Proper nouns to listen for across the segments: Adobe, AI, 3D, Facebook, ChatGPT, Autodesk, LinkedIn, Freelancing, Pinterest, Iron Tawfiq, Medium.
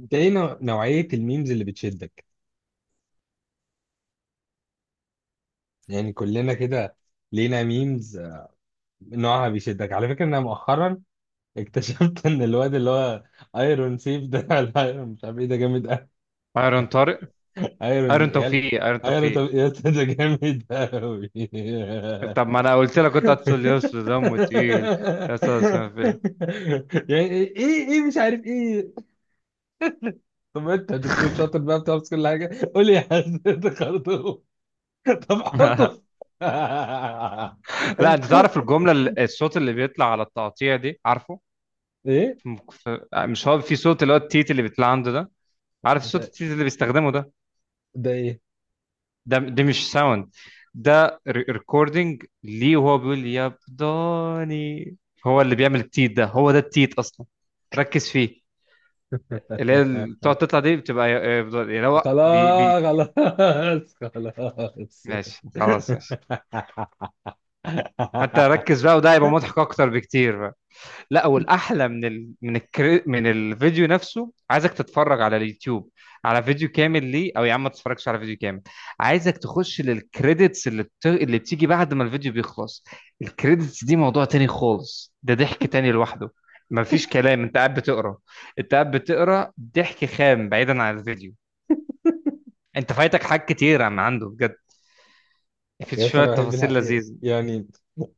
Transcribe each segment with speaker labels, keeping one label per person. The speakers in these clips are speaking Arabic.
Speaker 1: انت ايه نوعية الميمز اللي بتشدك؟ يعني كلنا كده لينا ميمز نوعها بيشدك على فكرة. انا مؤخرا اكتشفت ان الواد اللي هو ايرون سيف ده، ايرون مش عارف ايه، ده جامد قوي.
Speaker 2: ايرون طارق.
Speaker 1: ايرون
Speaker 2: ايرون
Speaker 1: يلا،
Speaker 2: توفيق. ايرون
Speaker 1: ايرون
Speaker 2: توفيق.
Speaker 1: طب يا اسطى ده جامد قوي.
Speaker 2: طب ما انا قلت لك كنت هتقول يا اسطى دمه تقيل، يا اسطى اسمه فين؟
Speaker 1: يعني ايه ايه إيه مش عارف ايه. طب انت يا دكتور شاطر بقى بتعرف كل حاجة، قول لي يا حسن انت خرطوم. طب حطه.
Speaker 2: لا انت تعرف
Speaker 1: في-
Speaker 2: الجمله الصوت اللي بيطلع على التقطيع دي، عارفه؟
Speaker 1: ايه
Speaker 2: م- ف- مش هو في صوت اللي هو التيت اللي بيطلع عنده ده، عارف صوت
Speaker 1: ده
Speaker 2: التيت اللي بيستخدمه ده؟
Speaker 1: ده ايه؟
Speaker 2: ده مش ساوند، ده ريكوردنج ليه وهو بيقول يا بداني، هو اللي بيعمل التيت ده، هو ده التيت اصلا. ركز فيه. اللي هي بتقعد تطلع دي بتبقى اللي هو
Speaker 1: خلاص خلاص خلاص.
Speaker 2: ماشي خلاص ماشي. فانت ركز بقى وده هيبقى مضحك اكتر بكتير بقى. لا، والاحلى من الفيديو نفسه، عايزك تتفرج على اليوتيوب، على فيديو كامل ليه، او يا عم ما تتفرجش على فيديو كامل، عايزك تخش للكريدتس اللي بتيجي بعد ما الفيديو بيخلص. الكريدتس دي موضوع تاني خالص، ده ضحك تاني لوحده، مفيش كلام، انت قاعد بتقرا، انت قاعد بتقرا ضحك خام بعيدا عن الفيديو، انت فايتك حاجات كتير، عم عنده بجد في
Speaker 1: يا اسطى
Speaker 2: شويه
Speaker 1: انا بحب
Speaker 2: تفاصيل
Speaker 1: الحق،
Speaker 2: لذيذه.
Speaker 1: يعني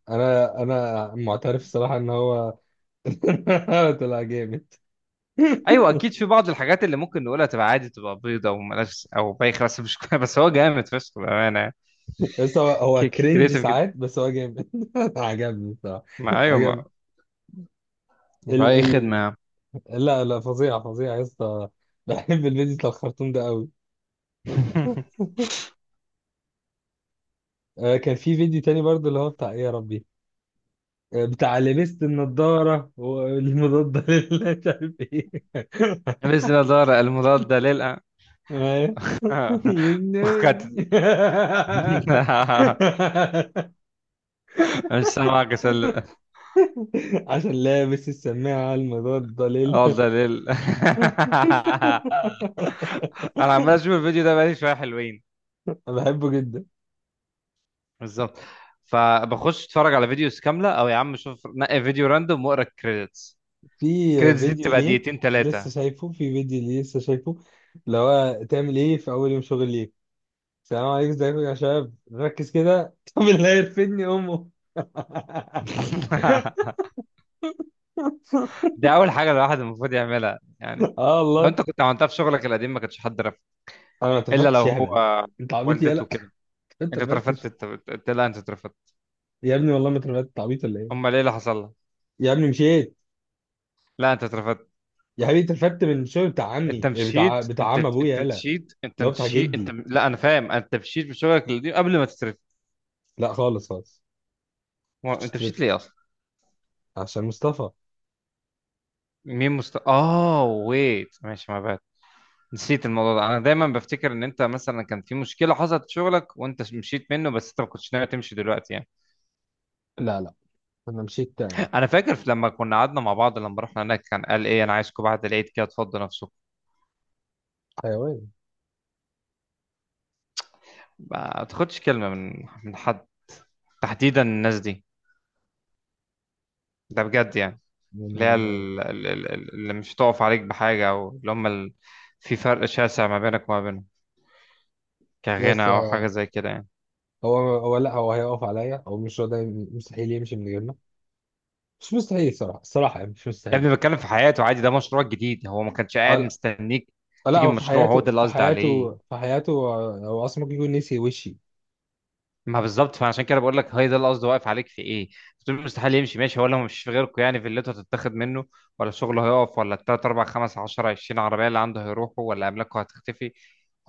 Speaker 1: انا معترف الصراحه ان هو طلع جامد.
Speaker 2: ايوه اكيد، في بعض الحاجات اللي ممكن نقولها تبقى عادي، تبقى بيضه وملهاش، او بايخه، بس مش بس هو جامد فشخ بامانه.
Speaker 1: بس هو، هو
Speaker 2: كريتيف جدا.
Speaker 1: ساعات، بس هو جامد. عجبني الصراحه،
Speaker 2: ما ايوه
Speaker 1: عجبني
Speaker 2: ما ما اي خدمه
Speaker 1: ال
Speaker 2: يا عم.
Speaker 1: لا، لا، فظيعة فظيعة يا اسطى. بحب الفيديو بتاع الخرطوم ده قوي. آه، كان في فيديو تاني برضه اللي هو بتاع ايه يا ربي. آه، بتاع لبست النضارة والمضادة لله مش عارف ايه.
Speaker 2: باذن الله دار المضاد للأ
Speaker 1: آه. يناي.
Speaker 2: وقد مش سامعك يا سلة.
Speaker 1: عشان لابس السماعة المضادة لل،
Speaker 2: اه ده ليل. انا عمال اشوف الفيديو ده بقالي شويه حلوين.
Speaker 1: أنا بحبه جدا.
Speaker 2: بالظبط. فبخش اتفرج على فيديوز كامله، او يا عم شوف نقي فيديو راندوم واقرا الكريدتس.
Speaker 1: في
Speaker 2: الكريدتس دي
Speaker 1: فيديو
Speaker 2: بتبقى
Speaker 1: ليه
Speaker 2: دقيقتين ثلاثه.
Speaker 1: في فيديو ليه لسه شايفه اللي هو تعمل ايه في اول يوم شغل ليك: السلام عليكم ازيكم يا شباب، ركز كده. طب اللي هيرفدني امه.
Speaker 2: دي اول حاجه الواحد المفروض يعملها يعني.
Speaker 1: اه
Speaker 2: لو
Speaker 1: والله.
Speaker 2: انت كنت عملتها في شغلك القديم ما كنتش حد رفض.
Speaker 1: انا ما
Speaker 2: الا
Speaker 1: اترفدتش
Speaker 2: لو
Speaker 1: يا هبل.
Speaker 2: هو
Speaker 1: انت عبيط
Speaker 2: والدته
Speaker 1: يالا.
Speaker 2: كده.
Speaker 1: ما
Speaker 2: انت اترفدت،
Speaker 1: اترفدتش.
Speaker 2: لا انت اترفدت.
Speaker 1: يا ابني والله ما اترفدت، أنت عبيط ولا ايه؟
Speaker 2: امال ايه اللي حصل لها؟
Speaker 1: يا ابني مشيت.
Speaker 2: لا انت اترفدت.
Speaker 1: يا حبيبي اترفدت من الشغل بتاع
Speaker 2: انت
Speaker 1: عمي، إيه، بتاع
Speaker 2: مشيت، انت
Speaker 1: عم ابويا
Speaker 2: انت
Speaker 1: يالا،
Speaker 2: مشيت انت
Speaker 1: اللي هو بتاع
Speaker 2: مشيت انت
Speaker 1: جدي.
Speaker 2: لا انا فاهم، انت مشيت في شغلك القديم قبل ما تترفد.
Speaker 1: لا خالص خالص.
Speaker 2: هو
Speaker 1: كنت
Speaker 2: انت مشيت ليه
Speaker 1: اترفدت
Speaker 2: اصلا؟
Speaker 1: عشان مصطفى.
Speaker 2: مين مست اه ويت ماشي ما بقى. نسيت الموضوع ده. انا دايما بفتكر ان انت مثلا كان في مشكله حصلت في شغلك وانت مشيت منه، بس انت ما كنتش ناوي تمشي دلوقتي يعني.
Speaker 1: لا لا. انا مشيت يعني.
Speaker 2: انا فاكر لما كنا قعدنا مع بعض، لما رحنا هناك كان قال ايه، انا عايزكم بعد العيد كده تفضوا نفسكم.
Speaker 1: حيوان.
Speaker 2: ما تاخدش كلمه من حد، تحديدا الناس دي، ده بجد يعني. اللي هي
Speaker 1: يعني
Speaker 2: اللي مش تقف عليك بحاجه، او اللي هم في فرق شاسع ما بينك وما بينهم، كغنى
Speaker 1: يس،
Speaker 2: او حاجه
Speaker 1: هو،
Speaker 2: زي كده يعني.
Speaker 1: هو، لا، هو هيقف عليا، هو مش هو ده. مستحيل يمشي من غيرنا. مش مستحيل صراحة، الصراحة يعني مش
Speaker 2: يا
Speaker 1: مستحيل.
Speaker 2: ابني بتكلم في حياته عادي، ده مشروع جديد، هو ما كانش
Speaker 1: آه،
Speaker 2: قاعد
Speaker 1: لا.
Speaker 2: مستنيك
Speaker 1: لا،
Speaker 2: تيجي
Speaker 1: هو في
Speaker 2: المشروع، هو ده
Speaker 1: حياته
Speaker 2: اللي
Speaker 1: في
Speaker 2: قصدي
Speaker 1: حياته
Speaker 2: عليه.
Speaker 1: في حياته، آه، هو اصلا ممكن يكون نسي وشي.
Speaker 2: ما بالظبط، فعشان كده بقول لك، هي ده القصد، واقف عليك في ايه؟ بتقول مستحيل يمشي، ماشي، هو لو مش في غيركم يعني في اللي انتوا هتتاخد منه، ولا شغله هيقف، ولا التلات اربع خمس عشرة عشرين عربية اللي عنده هيروحوا، ولا املاكه هتختفي.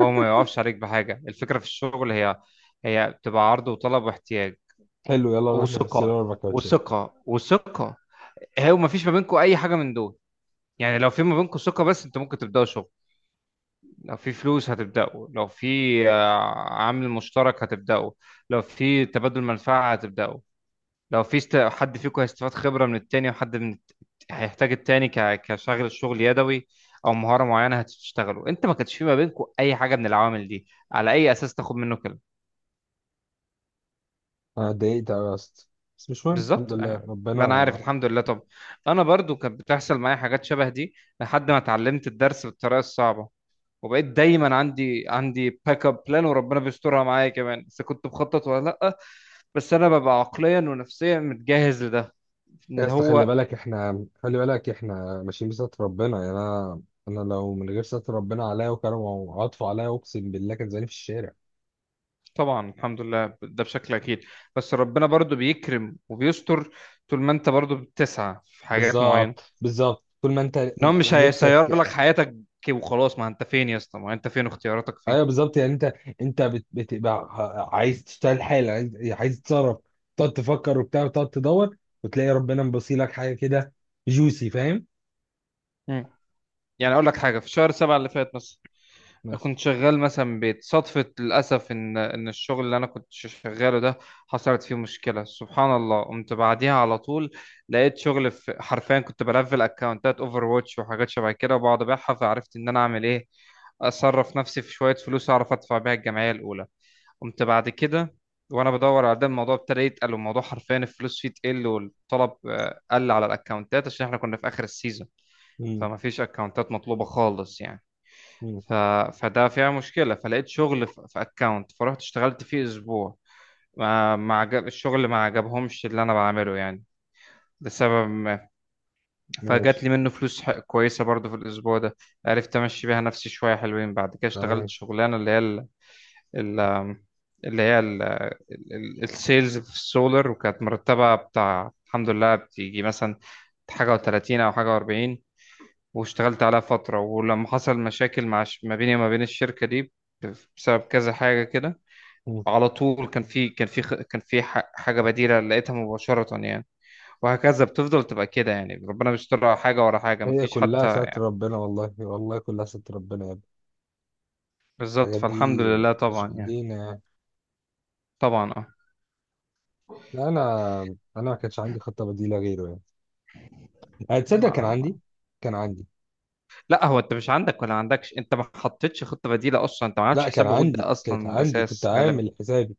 Speaker 2: هو ما يقفش عليك بحاجة. الفكرة في الشغل هي، هي بتبقى عرض وطلب واحتياج
Speaker 1: حلو يلا نروح نفصل
Speaker 2: وثقة
Speaker 1: 4 كاوتشات.
Speaker 2: وثقة وثقة. هو ما فيش ما بينكم اي حاجة من دول يعني. لو في ما بينكم ثقة بس، انتوا ممكن تبدأوا شغل. لو في فلوس هتبدأوا. لو في آه، عامل مشترك هتبدأوا. لو في تبادل منفعة هتبدأوا. لو في حد فيكم هيستفاد خبرة من التاني، وحد من هيحتاج التاني كشغل، الشغل يدوي أو مهارة معينة هتشتغلوا. أنت ما كانش في ما بينكم أي حاجة من العوامل دي، على أي أساس تاخد منه كلمة؟
Speaker 1: انا اتضايقت أوي يا اسطى، بس مش مهم، الحمد
Speaker 2: بالظبط
Speaker 1: لله
Speaker 2: آه. ما أنا
Speaker 1: ربنا.
Speaker 2: عارف، الحمد لله. طب أنا برضو كانت بتحصل معايا حاجات شبه دي، لحد ما اتعلمت الدرس بالطريقة الصعبة، وبقيت دايما عندي باك اب بلان، وربنا بيسترها معايا كمان، إذا كنت مخطط ولا لأ، بس أنا ببقى عقليا ونفسيا متجهز لده.
Speaker 1: يا
Speaker 2: إن
Speaker 1: اسطى خلي
Speaker 2: هو
Speaker 1: بالك احنا، ماشيين بستر ربنا، يعني انا، انا لو من غير ستر ربنا عليا وكرمه وعطفه عليا اقسم بالله كان زماني في الشارع.
Speaker 2: طبعا الحمد لله ده بشكل اكيد، بس ربنا برضو بيكرم وبيستر طول ما انت برضو بتسعى في حاجات معينه،
Speaker 1: بالظبط بالظبط، طول ما انت
Speaker 2: ان هو مش هيسير
Speaker 1: نفسك.
Speaker 2: لك حياتك كي وخلاص. ما انت فين يا اسطى؟ ما انت فين؟ اختياراتك فين؟
Speaker 1: ايوه بالظبط، يعني انت، انت بتبقى عايز تشتغل حالا، عايز، عايز تتصرف تقعد تفكر وبتاع وتقعد تدور وتلاقي ربنا مبصيلك حاجه كده. جوسي فاهم؟
Speaker 2: مم. يعني اقول لك حاجه، في شهر سبعة اللي فات مثلا
Speaker 1: بس.
Speaker 2: كنت شغال مثلا من بيت صدفه، للاسف ان الشغل اللي انا كنت شغاله ده حصلت فيه مشكله، سبحان الله قمت بعديها على طول، لقيت شغل في، حرفيا كنت بلفل اكونتات اوفر واتش وحاجات شبه كده وبقعد ابيعها، فعرفت ان انا اعمل ايه، اصرف نفسي في شويه فلوس اعرف ادفع بيها الجمعيه الاولى. قمت بعد كده وانا بدور على ده الموضوع، ابتدى يتقل الموضوع حرفيا، الفلوس فيه تقل والطلب قل على الاكونتات عشان احنا كنا في اخر السيزون.
Speaker 1: مم.
Speaker 2: فما فيش اكونتات مطلوبة خالص يعني.
Speaker 1: مم.
Speaker 2: ف... فده فيها مشكلة، فلقيت شغل في في اكونت، فرحت اشتغلت فيه اسبوع، ما ما عجب الشغل، ما عجبهمش اللي انا بعمله يعني، لسبب ما. فجات
Speaker 1: ماشي.
Speaker 2: لي منه فلوس كويسة برضو في الأسبوع ده، عرفت أمشي بيها نفسي شوية حلوين. بعد كده اشتغلت
Speaker 1: تمام.
Speaker 2: شغلانة اللي هي ال- اللي هي السيلز في السولر، وكانت مرتبة بتاع الحمد لله بتيجي مثلا حاجة و30 أو حاجة و40. واشتغلت عليها فترة، ولما حصل مشاكل مع ما بيني وما بين الشركة دي، بسبب كذا حاجة كده.
Speaker 1: مم.
Speaker 2: على طول كان في، حاجة بديلة لقيتها مباشرة يعني. وهكذا بتفضل تبقى كده يعني، ربنا بيستر على حاجة ورا حاجة
Speaker 1: هي
Speaker 2: مفيش حتى.
Speaker 1: كلها ستر ربنا، والله والله كلها ستر ربنا يا ابني.
Speaker 2: بالظبط،
Speaker 1: الحاجات
Speaker 2: فالحمد
Speaker 1: دي
Speaker 2: لله
Speaker 1: مش
Speaker 2: طبعا يعني.
Speaker 1: بايدينا يعني.
Speaker 2: طبعا اه.
Speaker 1: لا، انا، انا ما كانش عندي خطه بديله غيره، يعني هتصدق؟ كان عندي، كان عندي
Speaker 2: لا لا، هو انت مش عندك ولا عندكش، انت ما حطيتش خطة بديلة اصلا، انت ما عملتش
Speaker 1: لا كان
Speaker 2: حساب وجود
Speaker 1: عندي،
Speaker 2: ده اصلا
Speaker 1: كانت
Speaker 2: من
Speaker 1: عندي كنت
Speaker 2: الاساس غالبا.
Speaker 1: عامل حسابي.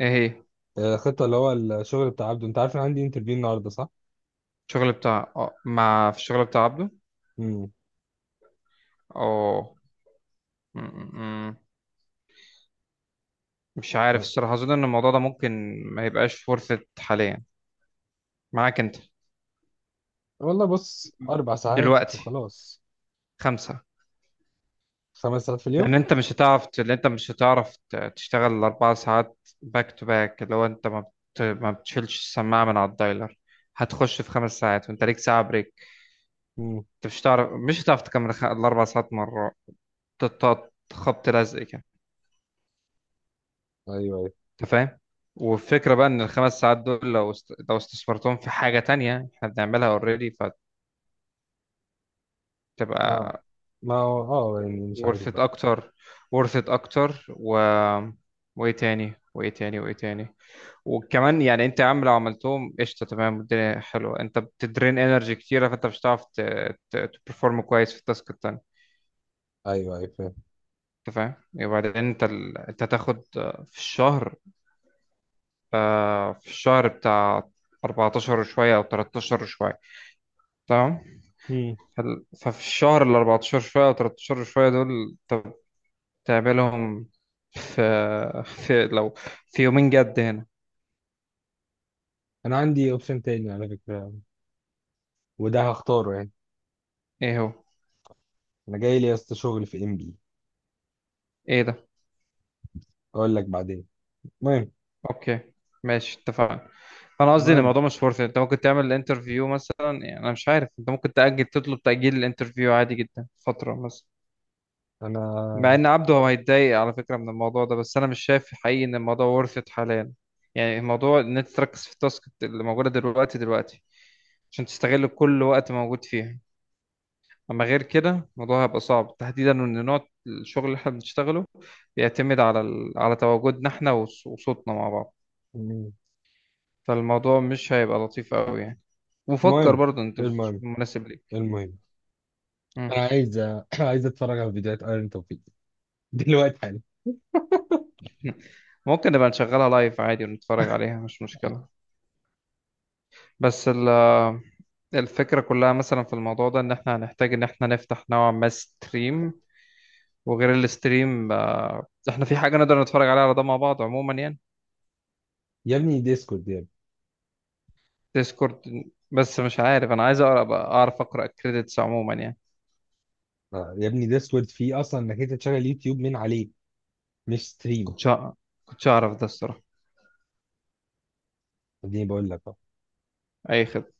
Speaker 2: ايه هي؟
Speaker 1: آه، خطة اللي هو الشغل بتاع عبده. انت عارف ان عندي انترفيو النهارده صح؟
Speaker 2: الشغل بتاع اه، مع، في الشغل بتاع عبده.
Speaker 1: امم.
Speaker 2: اه. مش عارف الصراحة، أظن إن الموضوع ده ممكن ما يبقاش ورثة حاليا معاك أنت
Speaker 1: والله بص 4 ساعات
Speaker 2: دلوقتي.
Speaker 1: وخلاص.
Speaker 2: خمسة.
Speaker 1: 5 ساعات في
Speaker 2: لأن
Speaker 1: اليوم؟
Speaker 2: أنت مش هتعرف لأن أنت مش هتعرف تشتغل الأربع ساعات باك تو باك، اللي هو أنت ما بتشيلش السماعة من على الدايلر. هتخش في خمس ساعات وأنت ليك ساعة بريك.
Speaker 1: امم.
Speaker 2: أنت مش هتعرف تكمل الأربع ساعات مرة، تقطع خبط لزق كده.
Speaker 1: ايوه ايوه.
Speaker 2: أنت فاهم؟ والفكرة بقى إن الخمس ساعات دول لو لو استثمرتهم في حاجة تانية إحنا بنعملها أوريدي،
Speaker 1: لا،
Speaker 2: فتبقى
Speaker 1: ما هو، اه يعني مش
Speaker 2: worth
Speaker 1: عارف
Speaker 2: it
Speaker 1: بقى.
Speaker 2: اكتر. worth it اكتر و وايه تاني. وكمان يعني انت يا عم لو عملتهم قشطه تمام، الدنيا حلوه، انت بتدرين انرجي كتيره، فانت مش هتعرف تبرفورم كويس في التاسك التاني.
Speaker 1: ايوه ايوه فاهم.
Speaker 2: انت فاهم؟ وبعدين انت انت هتاخد في الشهر، في الشهر بتاع 14 وشويه او 13 وشويه، تمام؟
Speaker 1: امم.
Speaker 2: ففي الشهر ال 14 شويه او 13 شويه دول، انت تعملهم في، في لو في يومين جد هنا.
Speaker 1: انا عندي اوبشن تاني على فكرة، وده هختاره يعني.
Speaker 2: ايه هو؟
Speaker 1: انا جاي لي يا اسطى شغل في MP.
Speaker 2: ايه ده؟
Speaker 1: اقول لك بعدين. المهم،
Speaker 2: اوكي، ماشي اتفقنا. انا قصدي ان
Speaker 1: المهم
Speaker 2: الموضوع مش فرصة، انت ممكن تعمل الانترفيو مثلا، يعني انا مش عارف، انت ممكن تأجل، تطلب تأجيل الانترفيو عادي جدا فترة مثلا.
Speaker 1: انا
Speaker 2: مع ان عبده هو هيتضايق على فكرة من الموضوع ده، بس انا مش شايف حقيقي ان الموضوع ورثة حاليا، يعني الموضوع ان انت تركز في التاسك اللي موجودة دلوقتي عشان تستغل كل وقت موجود فيها. اما غير كده الموضوع هيبقى صعب، تحديدا ان نوع الشغل اللي احنا بنشتغله بيعتمد على على تواجدنا احنا وصوتنا مع بعض.
Speaker 1: مم.
Speaker 2: فالموضوع مش هيبقى لطيف قوي يعني. وفكر
Speaker 1: المهم
Speaker 2: برضه انت تشوف
Speaker 1: المهم
Speaker 2: المناسب ليك.
Speaker 1: المهم
Speaker 2: مم.
Speaker 1: انا عايز عايز اتفرج على فيديوهات ايرون توفيق دلوقتي حالا.
Speaker 2: ممكن نبقى نشغلها لايف عادي ونتفرج عليها، مش مشكلة. بس الفكرة كلها مثلا في الموضوع ده، ان احنا هنحتاج ان احنا نفتح نوعا ما ستريم، وغير الستريم احنا في حاجة نقدر نتفرج عليها على ده مع بعض عموما يعني.
Speaker 1: يا ابني ديسكورد.
Speaker 2: ديسكورد. بس مش عارف، انا عايز اقرا، أبقى اعرف اقرا الكريدتس عموما يعني.
Speaker 1: آه، يا ابني ديسورد فيه اصلا انك انت تشغل يوتيوب من عليه، مش ستريم.
Speaker 2: كنتش أع- كنتش اعرف ده الصراحه.
Speaker 1: اديني بقول لك.
Speaker 2: اي خدمه.